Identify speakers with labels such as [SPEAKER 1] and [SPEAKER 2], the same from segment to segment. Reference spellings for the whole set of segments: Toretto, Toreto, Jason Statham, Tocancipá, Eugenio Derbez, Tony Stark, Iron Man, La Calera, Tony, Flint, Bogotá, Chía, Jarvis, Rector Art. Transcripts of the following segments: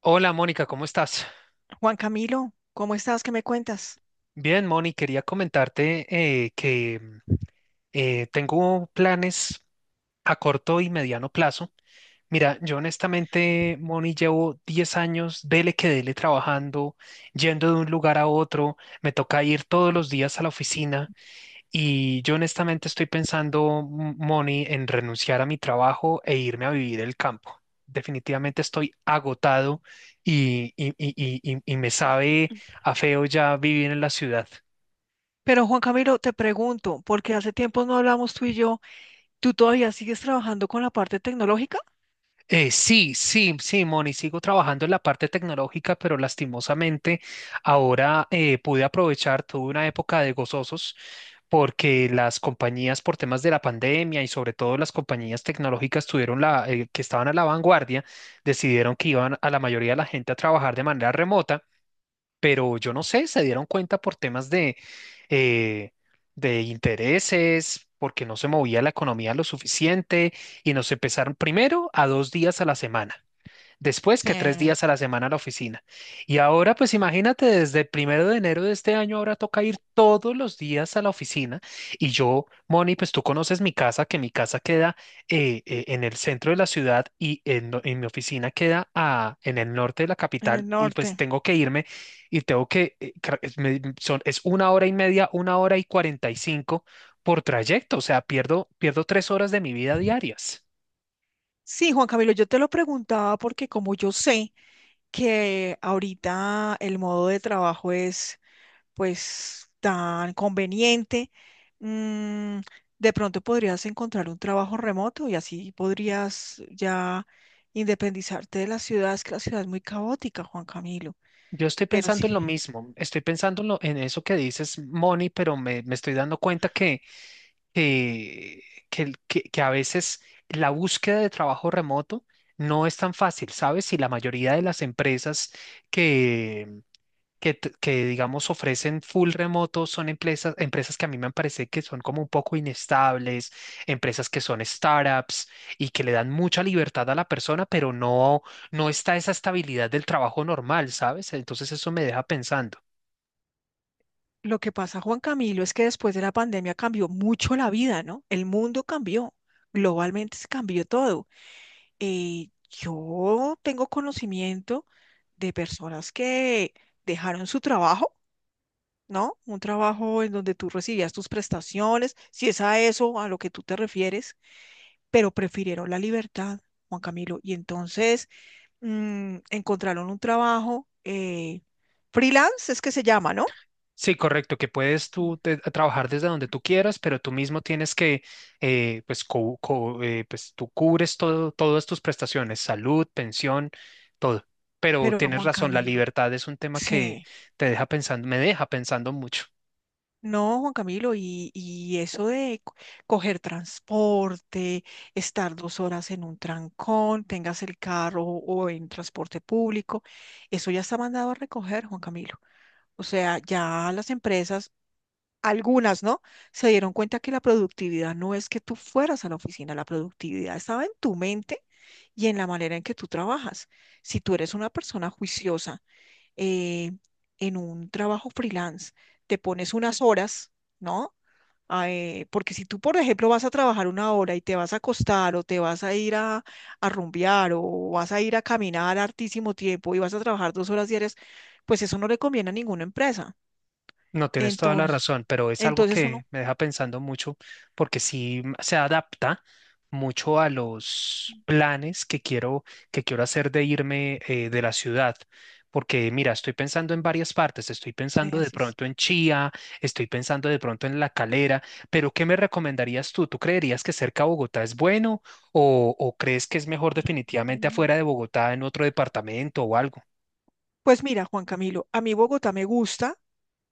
[SPEAKER 1] Hola Mónica, ¿cómo estás?
[SPEAKER 2] Juan Camilo, ¿cómo estás? ¿Qué me cuentas?
[SPEAKER 1] Bien, Moni, quería comentarte eh, que mm, tengo planes a corto y mediano plazo. Mira, yo honestamente, Moni, llevo 10 años, dele que dele, trabajando, yendo de un lugar a otro, me toca ir todos los días a la oficina. Y yo honestamente estoy pensando, Moni, en renunciar a mi trabajo e irme a vivir el campo. Definitivamente estoy agotado y me sabe a feo ya vivir en la ciudad.
[SPEAKER 2] Pero Juan Camilo, te pregunto, porque hace tiempo no hablamos tú y yo. ¿Tú todavía sigues trabajando con la parte tecnológica?
[SPEAKER 1] Sí, sí, sí, Moni, sigo trabajando en la parte tecnológica, pero lastimosamente ahora pude aprovechar, tuve una época de gozosos porque las compañías por temas de la pandemia y sobre todo las compañías tecnológicas tuvieron que estaban a la vanguardia, decidieron que iban a la mayoría de la gente a trabajar de manera remota, pero yo no sé, se dieron cuenta por temas de, eh, de intereses, porque no se movía la economía lo suficiente y nos empezaron primero a 2 días a la semana, después
[SPEAKER 2] Sí,
[SPEAKER 1] que tres
[SPEAKER 2] en
[SPEAKER 1] días a la semana a la oficina. Y ahora, pues imagínate, desde el 1 de enero de este año, ahora toca ir todos los días a la oficina. Y yo, Moni, pues tú conoces mi casa, que mi casa queda en el centro de la ciudad y en mi oficina queda en el norte de la
[SPEAKER 2] el
[SPEAKER 1] capital. Y pues
[SPEAKER 2] norte.
[SPEAKER 1] tengo que irme y tengo que, es 1 hora y media, 1 hora y 45 por trayecto. O sea, pierdo 3 horas de mi vida diarias.
[SPEAKER 2] Sí, Juan Camilo, yo te lo preguntaba porque como yo sé que ahorita el modo de trabajo es pues tan conveniente, mm, de pronto podrías encontrar un trabajo remoto y así podrías ya independizarte de la ciudad. Es que la ciudad es muy caótica, Juan Camilo.
[SPEAKER 1] Yo estoy
[SPEAKER 2] Pero
[SPEAKER 1] pensando
[SPEAKER 2] sí,
[SPEAKER 1] en lo mismo, estoy pensando en eso que dices, Moni, pero me estoy dando cuenta que, que, que a veces la búsqueda de trabajo remoto no es tan fácil, ¿sabes? Y la mayoría de las empresas digamos ofrecen full remoto son empresas que a mí me parece que son como un poco inestables, empresas que son startups y que le dan mucha libertad a la persona, pero no, no está esa estabilidad del trabajo normal, ¿sabes? Entonces eso me deja pensando.
[SPEAKER 2] lo que pasa, Juan Camilo, es que después de la pandemia cambió mucho la vida, ¿no? El mundo cambió, globalmente se cambió todo. Yo tengo conocimiento de personas que dejaron su trabajo, ¿no? Un trabajo en donde tú recibías tus prestaciones, si es a eso a lo que tú te refieres, pero prefirieron la libertad, Juan Camilo, y entonces encontraron un trabajo freelance, es que se llama, ¿no?
[SPEAKER 1] Sí, correcto, que puedes
[SPEAKER 2] Mm.
[SPEAKER 1] trabajar desde donde tú quieras, pero tú mismo tienes que, pues, tú cubres todo, todas tus prestaciones, salud, pensión, todo. Pero
[SPEAKER 2] Pero
[SPEAKER 1] tienes
[SPEAKER 2] Juan
[SPEAKER 1] razón, la
[SPEAKER 2] Camilo,
[SPEAKER 1] libertad es un tema que
[SPEAKER 2] sí.
[SPEAKER 1] me deja pensando mucho.
[SPEAKER 2] No, Juan Camilo, y eso de coger transporte, estar dos horas en un trancón, tengas el carro o en transporte público, eso ya está mandado a recoger, Juan Camilo. O sea, ya las empresas, algunas, ¿no? Se dieron cuenta que la productividad no es que tú fueras a la oficina, la productividad estaba en tu mente y en la manera en que tú trabajas. Si tú eres una persona juiciosa, eh, en un trabajo freelance. Te pones unas horas, ¿no? Ah, porque si tú, por ejemplo, vas a trabajar 1 hora y te vas a acostar o te vas a ir a rumbear o vas a ir a caminar hartísimo tiempo y vas a trabajar 2 horas diarias, pues eso no le conviene a ninguna empresa.
[SPEAKER 1] No, tienes toda la
[SPEAKER 2] Entonces,
[SPEAKER 1] razón, pero es algo
[SPEAKER 2] entonces uno,
[SPEAKER 1] que me deja pensando mucho porque sí se adapta mucho a los planes que quiero hacer de irme de la ciudad. Porque mira, estoy pensando en varias partes, estoy
[SPEAKER 2] sí,
[SPEAKER 1] pensando de
[SPEAKER 2] así es.
[SPEAKER 1] pronto en Chía, estoy pensando de pronto en La Calera, pero ¿qué me recomendarías tú? ¿Tú creerías que cerca a Bogotá es bueno o crees que es mejor definitivamente
[SPEAKER 2] Mm.
[SPEAKER 1] afuera de Bogotá en otro departamento o algo?
[SPEAKER 2] Pues mira, Juan Camilo, a mí Bogotá me gusta,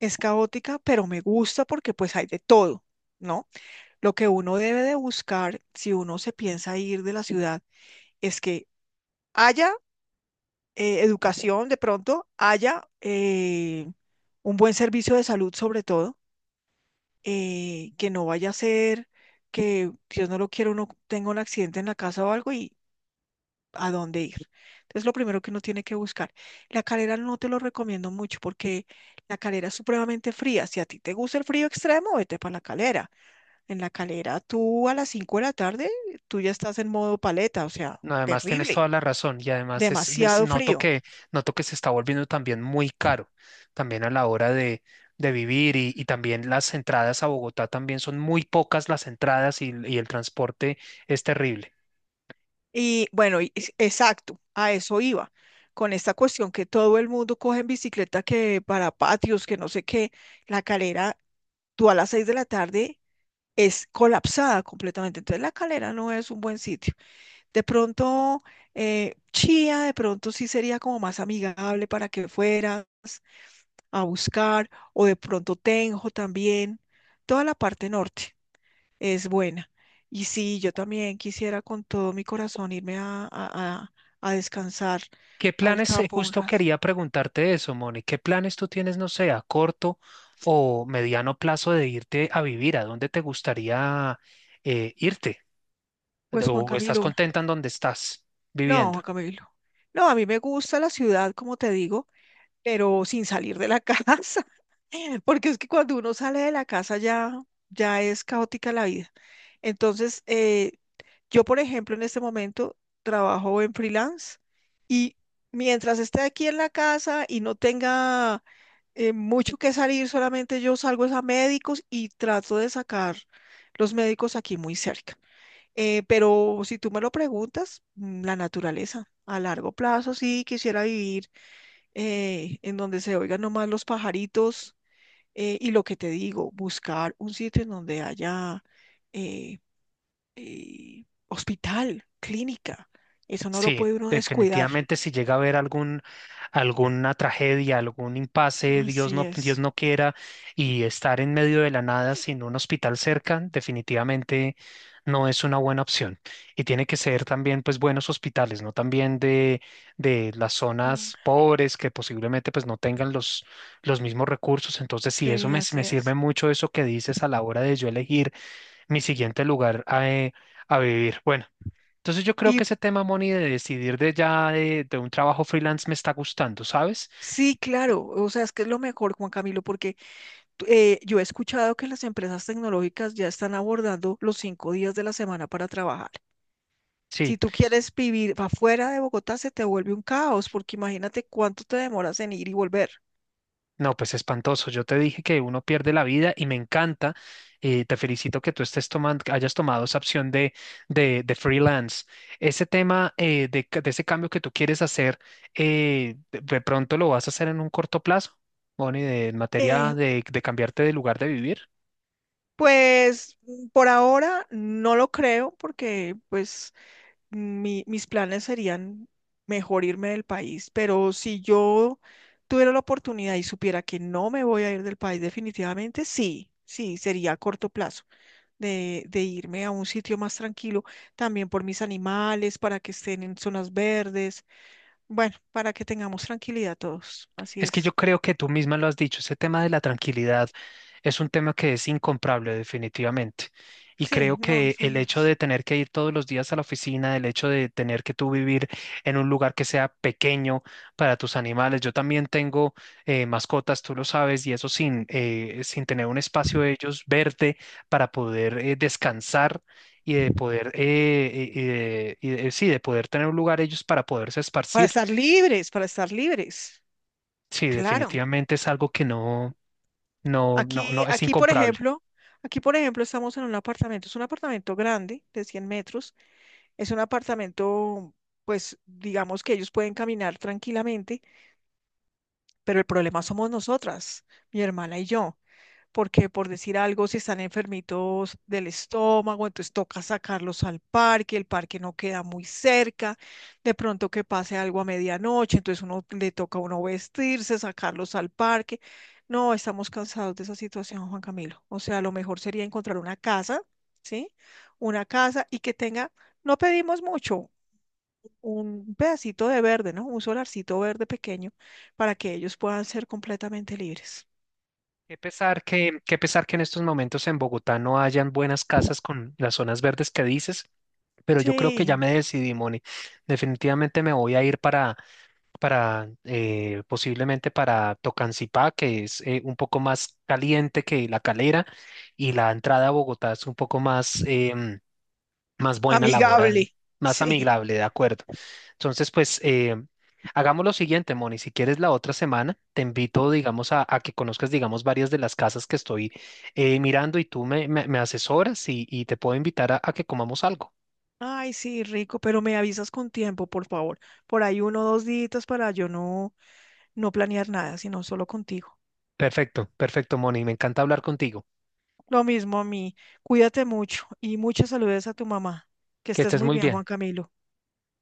[SPEAKER 2] es caótica, pero me gusta porque pues hay de todo, ¿no? Lo que uno debe de buscar si uno se piensa ir de la ciudad es que haya educación de pronto, haya un buen servicio de salud sobre todo, que no vaya a ser que Dios no lo quiera, uno tenga un accidente en la casa o algo y a dónde ir. Entonces lo primero que uno tiene que buscar. La Calera no te lo recomiendo mucho porque la Calera es supremamente fría. Si a ti te gusta el frío extremo, vete para la Calera. En la Calera, tú a las 5 de la tarde, tú ya estás en modo paleta, o sea,
[SPEAKER 1] No, además tienes
[SPEAKER 2] terrible,
[SPEAKER 1] toda la razón y además
[SPEAKER 2] demasiado frío.
[SPEAKER 1] noto que se está volviendo también muy caro, también a la hora de vivir y también las entradas a Bogotá también son muy pocas las entradas y el transporte es terrible.
[SPEAKER 2] Y bueno, exacto, a eso iba, con esta cuestión que todo el mundo coge en bicicleta, que para patios, que no sé qué, la Calera, tú a las 6 de la tarde es colapsada completamente, entonces la Calera no es un buen sitio. De pronto, Chía, de pronto sí sería como más amigable para que fueras a buscar, o de pronto Tenjo también. Toda la parte norte es buena. Y sí, yo también quisiera con todo mi corazón irme a descansar
[SPEAKER 1] ¿Qué
[SPEAKER 2] al
[SPEAKER 1] planes,
[SPEAKER 2] campo un
[SPEAKER 1] justo
[SPEAKER 2] rato.
[SPEAKER 1] quería preguntarte eso, Moni, qué planes tú tienes, no sé, a corto o mediano plazo de irte a vivir? ¿A dónde te gustaría irte?
[SPEAKER 2] Pues
[SPEAKER 1] ¿O estás contenta en donde estás viviendo?
[SPEAKER 2] Juan Camilo. No, a mí me gusta la ciudad, como te digo. Pero sin salir de la casa, porque es que cuando uno sale de la casa ya, ya es caótica la vida. Entonces, yo, por ejemplo, en este momento trabajo en freelance y mientras esté aquí en la casa y no tenga mucho que salir, solamente yo salgo es a médicos y trato de sacar los médicos aquí muy cerca. Pero si tú me lo preguntas, la naturaleza, a largo plazo sí quisiera vivir en donde se oigan nomás los pajaritos y lo que te digo, buscar un sitio en donde haya eh, hospital, clínica. Eso no lo
[SPEAKER 1] Sí,
[SPEAKER 2] puede uno descuidar.
[SPEAKER 1] definitivamente si llega a haber alguna tragedia, algún impasse,
[SPEAKER 2] Así
[SPEAKER 1] Dios
[SPEAKER 2] es.
[SPEAKER 1] no quiera, y estar en medio de la nada sin un hospital cerca, definitivamente no es una buena opción. Y tiene que ser también pues buenos hospitales, no también de las
[SPEAKER 2] Mm.
[SPEAKER 1] zonas pobres que posiblemente pues no tengan los mismos recursos. Entonces sí,
[SPEAKER 2] Sí, así
[SPEAKER 1] me sirve
[SPEAKER 2] es.
[SPEAKER 1] mucho eso que dices a la hora de yo elegir mi siguiente lugar a vivir. Bueno. Entonces yo creo
[SPEAKER 2] Y
[SPEAKER 1] que ese tema, Moni, de decidir de ya de un trabajo freelance me está gustando, ¿sabes?
[SPEAKER 2] sí, claro, o sea, es que es lo mejor, Juan Camilo, porque tú- yo si
[SPEAKER 1] Sí,
[SPEAKER 2] tú quieres vivir afuera de Bogotá, se te vuelve un caos, porque imagínate cuánto te demoras en ir y volver.
[SPEAKER 1] no, pues espantoso. Yo te dije que uno pierde la vida y me encanta. Te felicito que tú estés tomando, que hayas tomado esa opción de freelance. Ese tema de ese cambio que tú quieres hacer, de pronto lo vas a hacer en un corto plazo, Moni, en
[SPEAKER 2] Eh,
[SPEAKER 1] materia de cambiarte de lugar de vivir.
[SPEAKER 2] pues por ahora no lo creo, porque pues mis planes serían mejor irme del país, pero si yo tuviera la oportunidad y supiera que no me voy a ir del país definitivamente, sí, sí, sería a corto plazo de irme a un sitio más tranquilo, también por mis animales, para que estén en zonas verdes, bueno, para que tengamos tranquilidad todos, así
[SPEAKER 1] Es que
[SPEAKER 2] es.
[SPEAKER 1] yo creo que tú misma lo has dicho, ese tema de la tranquilidad es un tema que es incomparable definitivamente. Y
[SPEAKER 2] Sí,
[SPEAKER 1] creo
[SPEAKER 2] no,
[SPEAKER 1] que
[SPEAKER 2] eso
[SPEAKER 1] el
[SPEAKER 2] no
[SPEAKER 1] hecho
[SPEAKER 2] es.
[SPEAKER 1] de tener que ir todos los días a la oficina, el hecho de tener que tú vivir en un lugar que sea pequeño para tus animales, yo también tengo mascotas, tú lo sabes, y eso sin, sin tener un espacio de ellos verde para poder descansar y de poder, sí, de poder tener un lugar ellos para poderse esparcir.
[SPEAKER 2] Para estar libres,
[SPEAKER 1] Sí,
[SPEAKER 2] claro.
[SPEAKER 1] definitivamente es algo que
[SPEAKER 2] Aquí,
[SPEAKER 1] no, es
[SPEAKER 2] aquí, por
[SPEAKER 1] incomparable.
[SPEAKER 2] ejemplo, aquí, por ejemplo, estamos en un apartamento, es un apartamento grande, de 100 metros, es un apartamento, pues, digamos que ellos pueden caminar tranquilamente, pero el problema somos nosotras, mi hermana y yo porque por decir algo, si están enfermitos del estómago, entonces toca sacarlos al parque, el parque no queda muy cerca, de pronto que pase algo a medianoche, entonces uno le toca a uno vestirse, sacarlos al parque. No, estamos cansados de esa situación, Juan Camilo. O sea, lo mejor sería encontrar una casa, ¿sí? Una casa y que tenga, no pedimos mucho, un pedacito de verde, ¿no? Un solarcito verde pequeño para que ellos puedan ser completamente libres.
[SPEAKER 1] Qué pesar que en estos momentos en Bogotá no hayan buenas casas con las zonas verdes que dices, pero yo creo que ya
[SPEAKER 2] Sí.
[SPEAKER 1] me decidí, Moni. Definitivamente me voy a ir para posiblemente para Tocancipá, que es un poco más caliente que La Calera, y la entrada a Bogotá es un poco más, más buena la hora,
[SPEAKER 2] Amigable.
[SPEAKER 1] más
[SPEAKER 2] Sí,
[SPEAKER 1] amigable, de acuerdo. Entonces, pues hagamos lo siguiente, Moni, si quieres la otra semana, te invito, digamos, a que conozcas, digamos, varias de las casas que estoy mirando y me asesoras y te puedo invitar a que comamos algo.
[SPEAKER 2] ay, sí, rico, pero me avisas con tiempo, por favor. Por ahí 1 o 2 días para yo no, no planear nada, sino solo contigo.
[SPEAKER 1] Perfecto, perfecto, Moni, me encanta hablar contigo.
[SPEAKER 2] Lo mismo a mí. Cuídate mucho y muchas saludes a tu mamá. Que
[SPEAKER 1] Que
[SPEAKER 2] estés
[SPEAKER 1] estés
[SPEAKER 2] muy
[SPEAKER 1] muy
[SPEAKER 2] bien, Juan
[SPEAKER 1] bien.
[SPEAKER 2] Camilo.